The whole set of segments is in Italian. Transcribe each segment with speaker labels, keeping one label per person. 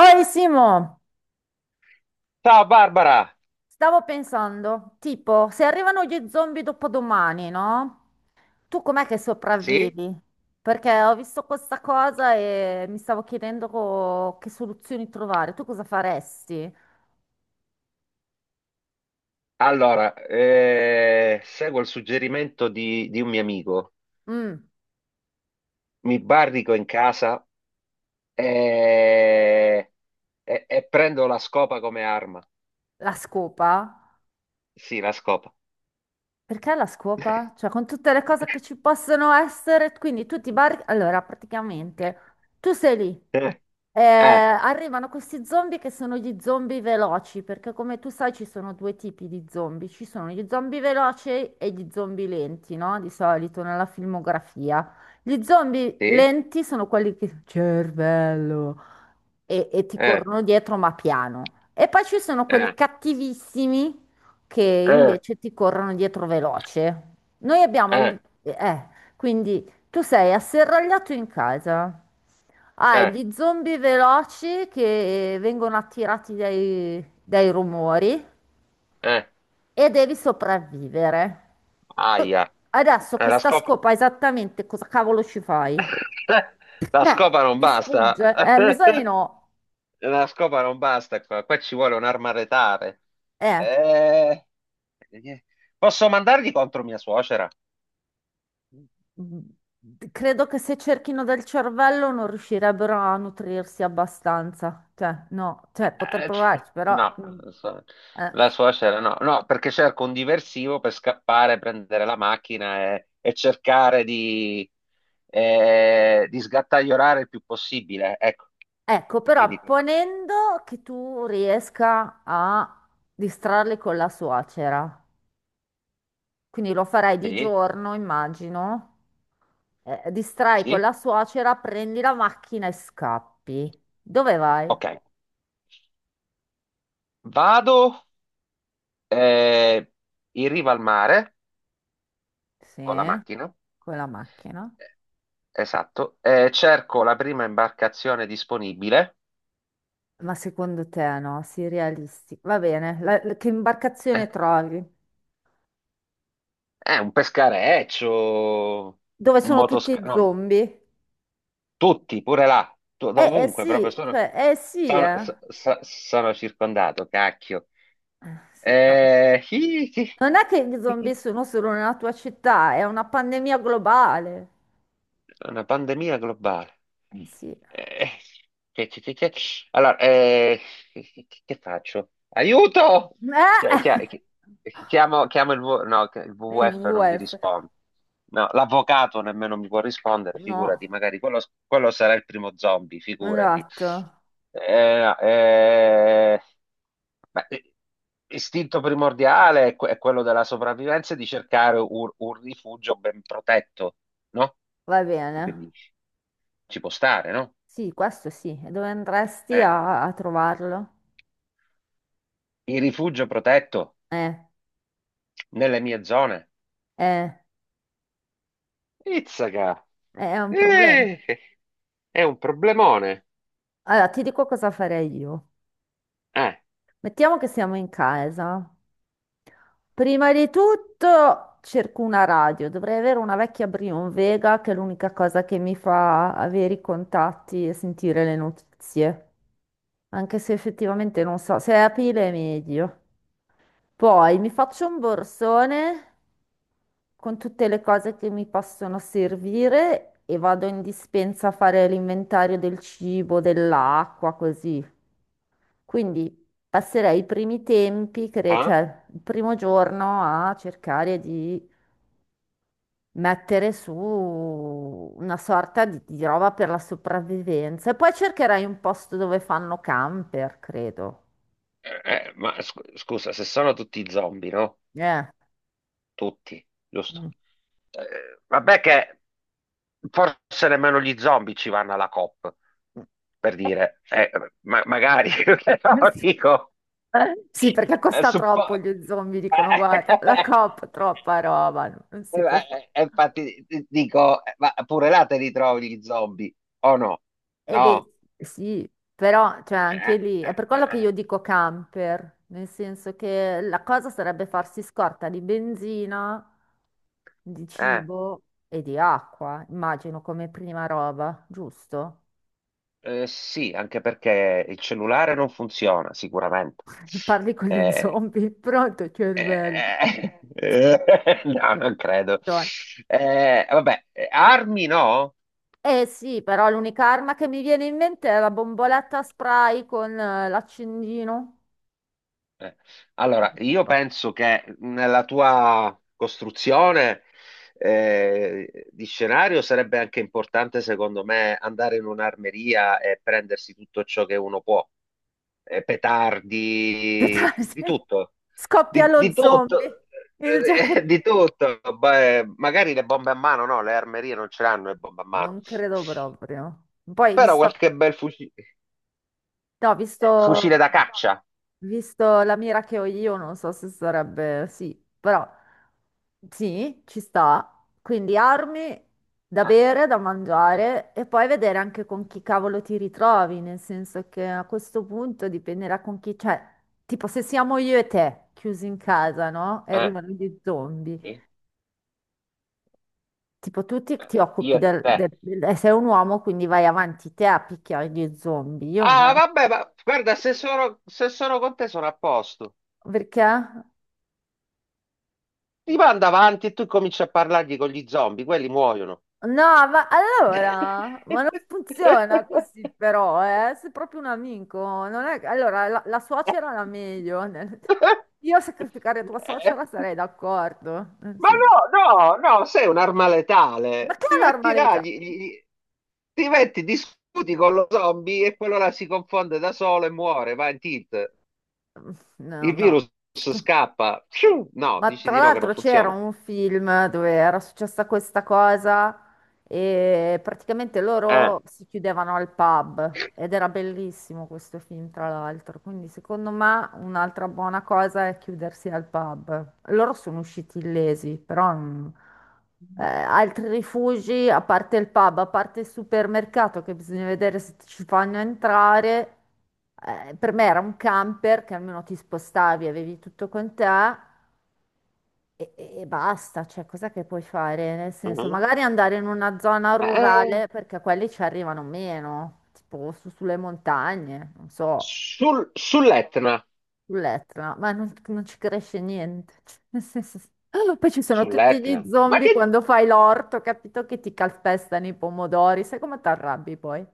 Speaker 1: Oi Simo,
Speaker 2: Ciao Barbara!
Speaker 1: stavo pensando, tipo, se arrivano gli zombie dopodomani, no? Tu com'è che
Speaker 2: Sì?
Speaker 1: sopravvivi? Perché ho visto questa cosa e mi stavo chiedendo che soluzioni trovare. Tu cosa faresti?
Speaker 2: Allora, seguo il suggerimento di un mio amico.
Speaker 1: Mm,
Speaker 2: Mi barrico in casa e, e prendo la scopa come arma.
Speaker 1: la scopa?
Speaker 2: Sì, la scopa.
Speaker 1: Perché la scopa? Cioè, con tutte le cose che ci possono essere, quindi tu ti barricadi... Allora, praticamente, tu sei lì.
Speaker 2: Eh,
Speaker 1: Arrivano questi zombie che sono gli zombie veloci, perché come tu sai ci sono due tipi di zombie, ci sono gli zombie veloci e gli zombie lenti, no? Di solito nella filmografia. Gli zombie
Speaker 2: sì?
Speaker 1: lenti sono quelli che... Cervello! E ti
Speaker 2: Eh,
Speaker 1: corrono dietro ma piano. E poi ci sono quelli
Speaker 2: eh,
Speaker 1: cattivissimi che
Speaker 2: eh,
Speaker 1: invece ti corrono dietro veloce. Noi abbiamo il...
Speaker 2: eh,
Speaker 1: quindi tu sei asserragliato in casa, hai
Speaker 2: eh,
Speaker 1: gli zombie veloci che vengono attirati dai rumori
Speaker 2: eh.
Speaker 1: e devi sopravvivere.
Speaker 2: Aia.
Speaker 1: Adesso con
Speaker 2: La
Speaker 1: sta
Speaker 2: scopa...
Speaker 1: scopa esattamente cosa cavolo ci fai?
Speaker 2: La scopa non
Speaker 1: Mi
Speaker 2: basta.
Speaker 1: sfugge. Mi sa di no.
Speaker 2: La scopa non basta qua, qua ci vuole un'arma retale.
Speaker 1: Eh.
Speaker 2: Eh, eh, Posso mandargli contro mia suocera?
Speaker 1: Credo che se cerchino del cervello non riuscirebbero a nutrirsi abbastanza, cioè no, cioè poter
Speaker 2: Cioè,
Speaker 1: provarci, però...
Speaker 2: no,
Speaker 1: mm,
Speaker 2: non so.
Speaker 1: eh.
Speaker 2: La suocera no, no, perché cerco un diversivo per scappare, prendere la macchina e cercare di sgattaiolare il più possibile. Ecco,
Speaker 1: Ecco,
Speaker 2: e quindi
Speaker 1: però ponendo che tu riesca a distrarli con la suocera, quindi lo farai di
Speaker 2: sì,
Speaker 1: giorno, immagino, distrai con
Speaker 2: sì,
Speaker 1: la suocera, prendi la macchina e scappi. Dove vai?
Speaker 2: ok. Vado eh, in riva al mare
Speaker 1: Sì,
Speaker 2: con la macchina.
Speaker 1: con la macchina.
Speaker 2: Esatto, cerco la prima imbarcazione disponibile.
Speaker 1: Ma secondo te no, sii realisti. Va bene, che
Speaker 2: Eh,
Speaker 1: imbarcazione trovi?
Speaker 2: un pescareccio,
Speaker 1: Dove
Speaker 2: un
Speaker 1: sono
Speaker 2: motoscafo,
Speaker 1: tutti
Speaker 2: no,
Speaker 1: zombie?
Speaker 2: tutti, pure là,
Speaker 1: Eh
Speaker 2: ovunque, proprio
Speaker 1: sì,
Speaker 2: sono,
Speaker 1: cioè,
Speaker 2: sono,
Speaker 1: eh.
Speaker 2: sono circondato, cacchio.
Speaker 1: Sì, no.
Speaker 2: Eh, chi- chi-
Speaker 1: Non è che gli zombie sono solo nella tua città, è una pandemia globale.
Speaker 2: una pandemia globale.
Speaker 1: Eh sì.
Speaker 2: Eh, che- che- che- che- Allora, che, che faccio? Aiuto! Chi- chi- chi- Chiamo, chiamo no, che il
Speaker 1: Il
Speaker 2: WWF non mi
Speaker 1: WWF.
Speaker 2: risponde. No, l'avvocato nemmeno mi può rispondere,
Speaker 1: No,
Speaker 2: figurati, magari quello, quello sarà il primo zombie, figurati.
Speaker 1: esatto,
Speaker 2: No, ma, istinto primordiale è, è quello della sopravvivenza e di cercare un rifugio ben protetto, no?
Speaker 1: va
Speaker 2: Tu che
Speaker 1: bene.
Speaker 2: dici? Ci può stare, no?
Speaker 1: Sì, questo sì. E dove andresti
Speaker 2: Eh,
Speaker 1: a trovarlo?
Speaker 2: il rifugio protetto
Speaker 1: Eh,
Speaker 2: nelle mie zone.
Speaker 1: eh,
Speaker 2: Izzaca!
Speaker 1: è un problema.
Speaker 2: Eh, è un problemone.
Speaker 1: Allora, ti dico cosa farei io.
Speaker 2: Eh,
Speaker 1: Mettiamo che siamo in casa. Prima di tutto cerco una radio. Dovrei avere una vecchia Brion Vega, che è l'unica cosa che mi fa avere i contatti e sentire le notizie. Anche se effettivamente non so, se è a pile è meglio. Poi mi faccio un borsone con tutte le cose che mi possono servire e vado in dispensa a fare l'inventario del cibo, dell'acqua, così. Quindi passerei i primi tempi,
Speaker 2: ah?
Speaker 1: cioè il primo giorno a cercare di mettere su una sorta di roba per la sopravvivenza. E poi cercherai un posto dove fanno camper, credo.
Speaker 2: Ma scusa, se sono tutti zombie, no?
Speaker 1: Eh.
Speaker 2: Tutti, giusto?
Speaker 1: Mm.
Speaker 2: Vabbè che forse nemmeno gli zombie ci vanno alla COP, per dire. Ma magari, però
Speaker 1: Sì,
Speaker 2: dico...
Speaker 1: sì, perché
Speaker 2: eh,
Speaker 1: costa
Speaker 2: suppo-
Speaker 1: troppo gli zombie, dicono,
Speaker 2: eh,
Speaker 1: guarda, la COP, troppa roba, non si può fare.
Speaker 2: Infatti dico, ma pure là te li trovi gli zombie, o no?
Speaker 1: E
Speaker 2: No.
Speaker 1: beh, sì, però cioè, anche
Speaker 2: Eh,
Speaker 1: lì è
Speaker 2: eh,
Speaker 1: per quello che
Speaker 2: eh,
Speaker 1: io dico camper, nel senso che la cosa sarebbe farsi scorta di benzina, di
Speaker 2: eh.
Speaker 1: cibo e di acqua, immagino come prima roba, giusto?
Speaker 2: Sì, anche perché il cellulare non funziona, sicuramente.
Speaker 1: Parli con gli
Speaker 2: Eh,
Speaker 1: zombie, pronto cervello.
Speaker 2: no, non credo.
Speaker 1: Madonna.
Speaker 2: Vabbè, armi no?
Speaker 1: Eh sì, però l'unica arma che mi viene in mente è la bomboletta a spray con l'accendino.
Speaker 2: Eh, allora, io penso che nella tua costruzione di scenario sarebbe anche importante, secondo me, andare in un'armeria e prendersi tutto ciò che uno può. Petardi, di tutto,
Speaker 1: Scoppia lo
Speaker 2: di
Speaker 1: zombie,
Speaker 2: tutto.
Speaker 1: il gioco
Speaker 2: Di tutto. Beh, magari le bombe a mano, no, le armerie non ce l'hanno le bombe a mano,
Speaker 1: non credo proprio. Poi,
Speaker 2: però
Speaker 1: visto,
Speaker 2: qualche bel
Speaker 1: no,
Speaker 2: fucile
Speaker 1: visto,
Speaker 2: da caccia.
Speaker 1: visto la mira che ho io, non so se sarebbe sì, però sì, ci sta. Quindi armi da
Speaker 2: Eh,
Speaker 1: bere, da
Speaker 2: eh,
Speaker 1: mangiare e poi vedere anche con chi cavolo ti ritrovi, nel senso che a questo punto dipenderà con chi, cioè, tipo se siamo io e te chiusi in casa, no? E
Speaker 2: eh,
Speaker 1: arrivano gli zombie.
Speaker 2: sì.
Speaker 1: Tipo, tu ti,
Speaker 2: Eh,
Speaker 1: ti
Speaker 2: io
Speaker 1: occupi
Speaker 2: e
Speaker 1: del,
Speaker 2: te.
Speaker 1: del- del- sei un uomo, quindi vai avanti te a picchiare gli zombie. Io me
Speaker 2: Ah,
Speaker 1: la
Speaker 2: vabbè, ma guarda, se sono con te sono a posto.
Speaker 1: perché?
Speaker 2: Ti manda avanti e tu cominci a parlargli con gli zombie, quelli muoiono.
Speaker 1: No, ma allora, ma non funziona così però, eh? Sei proprio un amico, non è... Allora, la suocera era meglio. Io a sacrificare tua suocera sarei d'accordo. Nel
Speaker 2: Ma
Speaker 1: senso.
Speaker 2: no, no, no, sei un'arma
Speaker 1: Ma
Speaker 2: letale.
Speaker 1: che
Speaker 2: Ti
Speaker 1: è
Speaker 2: metti là,
Speaker 1: normalità?
Speaker 2: ti metti, discuti con lo zombie e quello là si confonde da solo e muore, va in tilt.
Speaker 1: No,
Speaker 2: Il
Speaker 1: no.
Speaker 2: virus scappa. Pfiou! No,
Speaker 1: Ma
Speaker 2: dici
Speaker 1: tra
Speaker 2: di no che non
Speaker 1: l'altro c'era
Speaker 2: funziona.
Speaker 1: un film dove era successa questa cosa e praticamente
Speaker 2: Eh.
Speaker 1: loro si chiudevano al pub ed era bellissimo questo film, tra l'altro. Quindi secondo me un'altra buona cosa è chiudersi al pub. Loro sono usciti illesi, però, altri rifugi, a parte il pub, a parte il supermercato che bisogna vedere se ci fanno entrare. Eh, per me era un camper che almeno ti spostavi, avevi tutto con te e basta, cioè cosa che puoi fare? Nel senso,
Speaker 2: Mhm.
Speaker 1: magari andare in una zona
Speaker 2: Eh,
Speaker 1: rurale perché quelli ci arrivano meno, tipo sulle montagne, non so,
Speaker 2: sull'Etna,
Speaker 1: sull'Etna, ma non, non ci cresce niente. Cioè, nel senso, poi ci sono tutti
Speaker 2: sull'Etna,
Speaker 1: gli
Speaker 2: ma
Speaker 1: zombie
Speaker 2: che
Speaker 1: quando fai l'orto, capito che ti calpestano i pomodori, sai come ti arrabbi poi?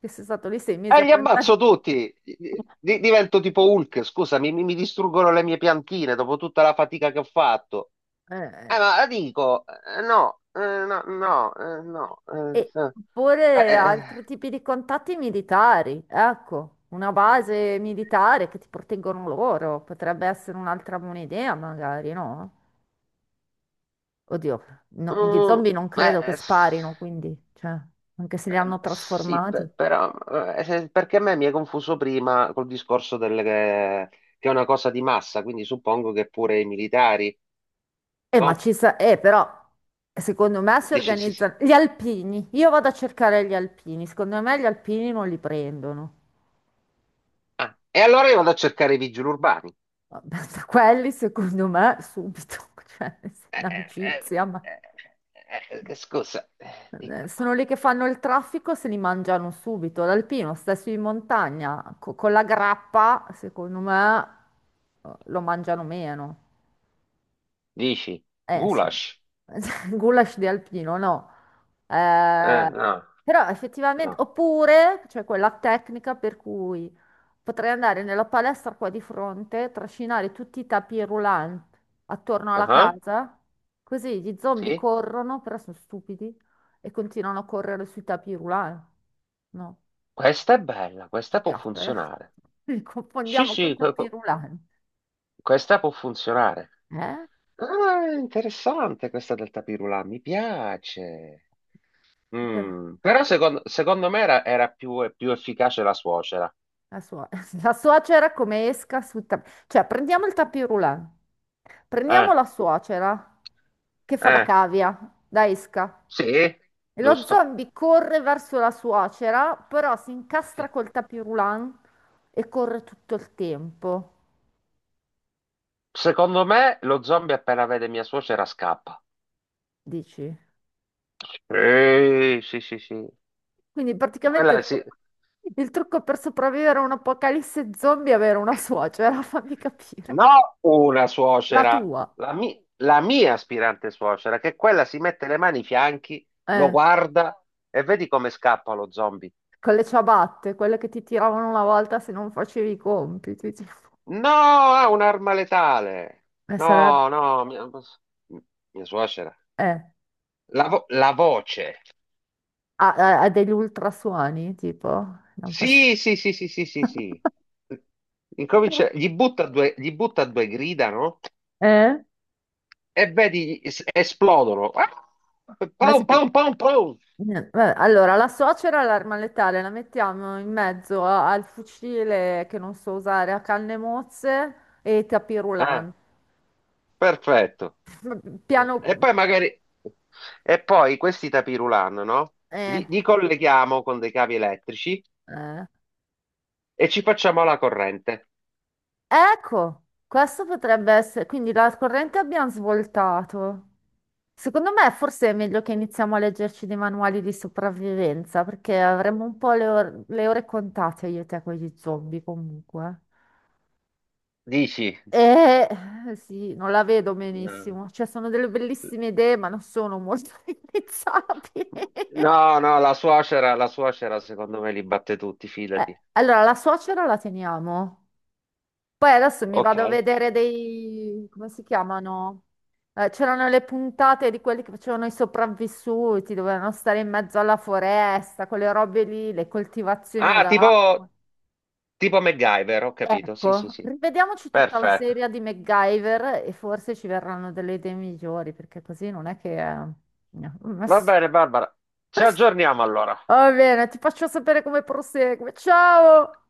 Speaker 1: Che sei stato lì sei mesi a
Speaker 2: li
Speaker 1: piantare.
Speaker 2: ammazzo tutti. Divento tipo Hulk, scusami, mi distruggono le mie piantine dopo tutta la fatica che ho fatto.
Speaker 1: Eh, eh,
Speaker 2: Ma la dico, no, no, no, no,
Speaker 1: E
Speaker 2: eh,
Speaker 1: oppure
Speaker 2: eh,
Speaker 1: altri tipi di contatti militari, ecco, una base militare che ti proteggono loro, potrebbe essere un'altra buona idea magari, no? Oddio, no, gli
Speaker 2: mm,
Speaker 1: zombie non
Speaker 2: eh,
Speaker 1: credo che
Speaker 2: s-
Speaker 1: sparino, quindi, cioè, anche se li hanno
Speaker 2: sì,
Speaker 1: trasformati.
Speaker 2: però, perché a me mi hai confuso prima col discorso del, che è una cosa di massa, quindi suppongo che pure i militari. No?
Speaker 1: Però, secondo me si
Speaker 2: Dici, sì, sì.
Speaker 1: organizzano... Gli alpini, io vado a cercare gli alpini, secondo me gli alpini non li prendono.
Speaker 2: Ah, e allora io vado a cercare i vigili urbani.
Speaker 1: Vabbè, quelli, secondo me, subito, cioè,
Speaker 2: Eh,
Speaker 1: in
Speaker 2: eh,
Speaker 1: amicizia,
Speaker 2: eh,
Speaker 1: ma
Speaker 2: eh, scusa, dico,
Speaker 1: eh, sono lì che fanno il traffico, se li mangiano subito. L'alpino sta su in montagna, con la grappa, secondo me, lo mangiano meno.
Speaker 2: dici,
Speaker 1: Eh sì,
Speaker 2: goulash?
Speaker 1: goulash di alpino, no. Eh,
Speaker 2: No,
Speaker 1: però effettivamente,
Speaker 2: no.
Speaker 1: oppure c'è quella tecnica per cui potrei andare nella palestra qua di fronte, trascinare tutti i tapis roulant attorno alla
Speaker 2: Ah,
Speaker 1: casa, così gli zombie
Speaker 2: sì,
Speaker 1: corrono, però sono stupidi e continuano a correre sui tapis roulant. No,
Speaker 2: questa è bella,
Speaker 1: ti
Speaker 2: questa può
Speaker 1: piace? Eh?
Speaker 2: funzionare.
Speaker 1: Li
Speaker 2: Sì,
Speaker 1: confondiamo con i
Speaker 2: sì,
Speaker 1: tapis roulant.
Speaker 2: questa può funzionare.
Speaker 1: Eh?
Speaker 2: Ah, interessante questa del tapirulà, mi piace.
Speaker 1: Perché-
Speaker 2: Mm, però
Speaker 1: no?
Speaker 2: secondo me era più efficace la suocera.
Speaker 1: La, la suocera come esca sul tappeto. Cioè, prendiamo il tapis roulant. Prendiamo
Speaker 2: Eh,
Speaker 1: la suocera che fa da
Speaker 2: eh,
Speaker 1: cavia, da esca.
Speaker 2: sì,
Speaker 1: E lo
Speaker 2: giusto.
Speaker 1: zombie corre verso la suocera, però si incastra
Speaker 2: Sì.
Speaker 1: col tapis roulant e corre tutto il tempo,
Speaker 2: Secondo me lo zombie appena vede mia suocera scappa.
Speaker 1: dici?
Speaker 2: Sì, sì, sì, sì.
Speaker 1: Quindi praticamente
Speaker 2: Quella sì.
Speaker 1: il trucco per sopravvivere a un apocalisse zombie è avere una suocera, fammi capire.
Speaker 2: No, una
Speaker 1: La
Speaker 2: suocera,
Speaker 1: tua.
Speaker 2: la, la mia aspirante suocera, che quella si mette le mani ai fianchi, lo
Speaker 1: Eh.
Speaker 2: guarda e vedi come scappa lo zombie.
Speaker 1: Con le ciabatte, quelle che ti tiravano una volta se non facevi i compiti. Tipo.
Speaker 2: No, ha un'arma letale.
Speaker 1: E
Speaker 2: No, no, mia, mia suocera.
Speaker 1: eh,
Speaker 2: La, la voce.
Speaker 1: ha, ha degli ultrasuoni, tipo, non fa sì.
Speaker 2: Sì, sì, sì, sì, sì, sì, sì. Incomincia, gli butta due grida, no?
Speaker 1: Eh?
Speaker 2: E vedi esplodono. Ah! Pom,
Speaker 1: Espl-
Speaker 2: pom, pom, pom.
Speaker 1: vabbè, allora, la suocera è l'arma letale, la mettiamo in mezzo al fucile che non so usare, a canne mozze e ai tapis
Speaker 2: Eh,
Speaker 1: roulant.
Speaker 2: perfetto.
Speaker 1: Piano...
Speaker 2: E poi magari... E poi questi tapirulan, no?
Speaker 1: eh,
Speaker 2: Li, li colleghiamo con dei cavi elettrici
Speaker 1: eh.
Speaker 2: e ci facciamo la corrente.
Speaker 1: Ecco, questo potrebbe essere... Quindi la corrente abbiamo svoltato. Secondo me forse è meglio che iniziamo a leggerci dei manuali di sopravvivenza, perché avremo un po' le ore contate io e te con gli zombie comunque.
Speaker 2: Dici?
Speaker 1: E sì, non la vedo
Speaker 2: No,
Speaker 1: benissimo. Cioè, sono delle bellissime idee, ma non sono molto realizzabili.
Speaker 2: no, no, la suocera secondo me li batte tutti,
Speaker 1: Eh,
Speaker 2: fidati.
Speaker 1: allora, la suocera la teniamo. Poi adesso mi vado a
Speaker 2: Ok.
Speaker 1: vedere dei... come si chiamano? C'erano le puntate di quelli che facevano i sopravvissuti, dovevano stare in mezzo alla foresta, quelle robe lì, le coltivazioni ad
Speaker 2: Ah, tipo,
Speaker 1: acqua.
Speaker 2: tipo MacGyver, ho capito. Sì, sì,
Speaker 1: Ecco,
Speaker 2: sì.
Speaker 1: rivediamoci tutta la
Speaker 2: Perfetto.
Speaker 1: serie di MacGyver e forse ci verranno delle idee migliori, perché così non è che... no.
Speaker 2: Va bene, Barbara. Ci aggiorniamo allora.
Speaker 1: Va bene, ti faccio sapere come prosegue. Ciao!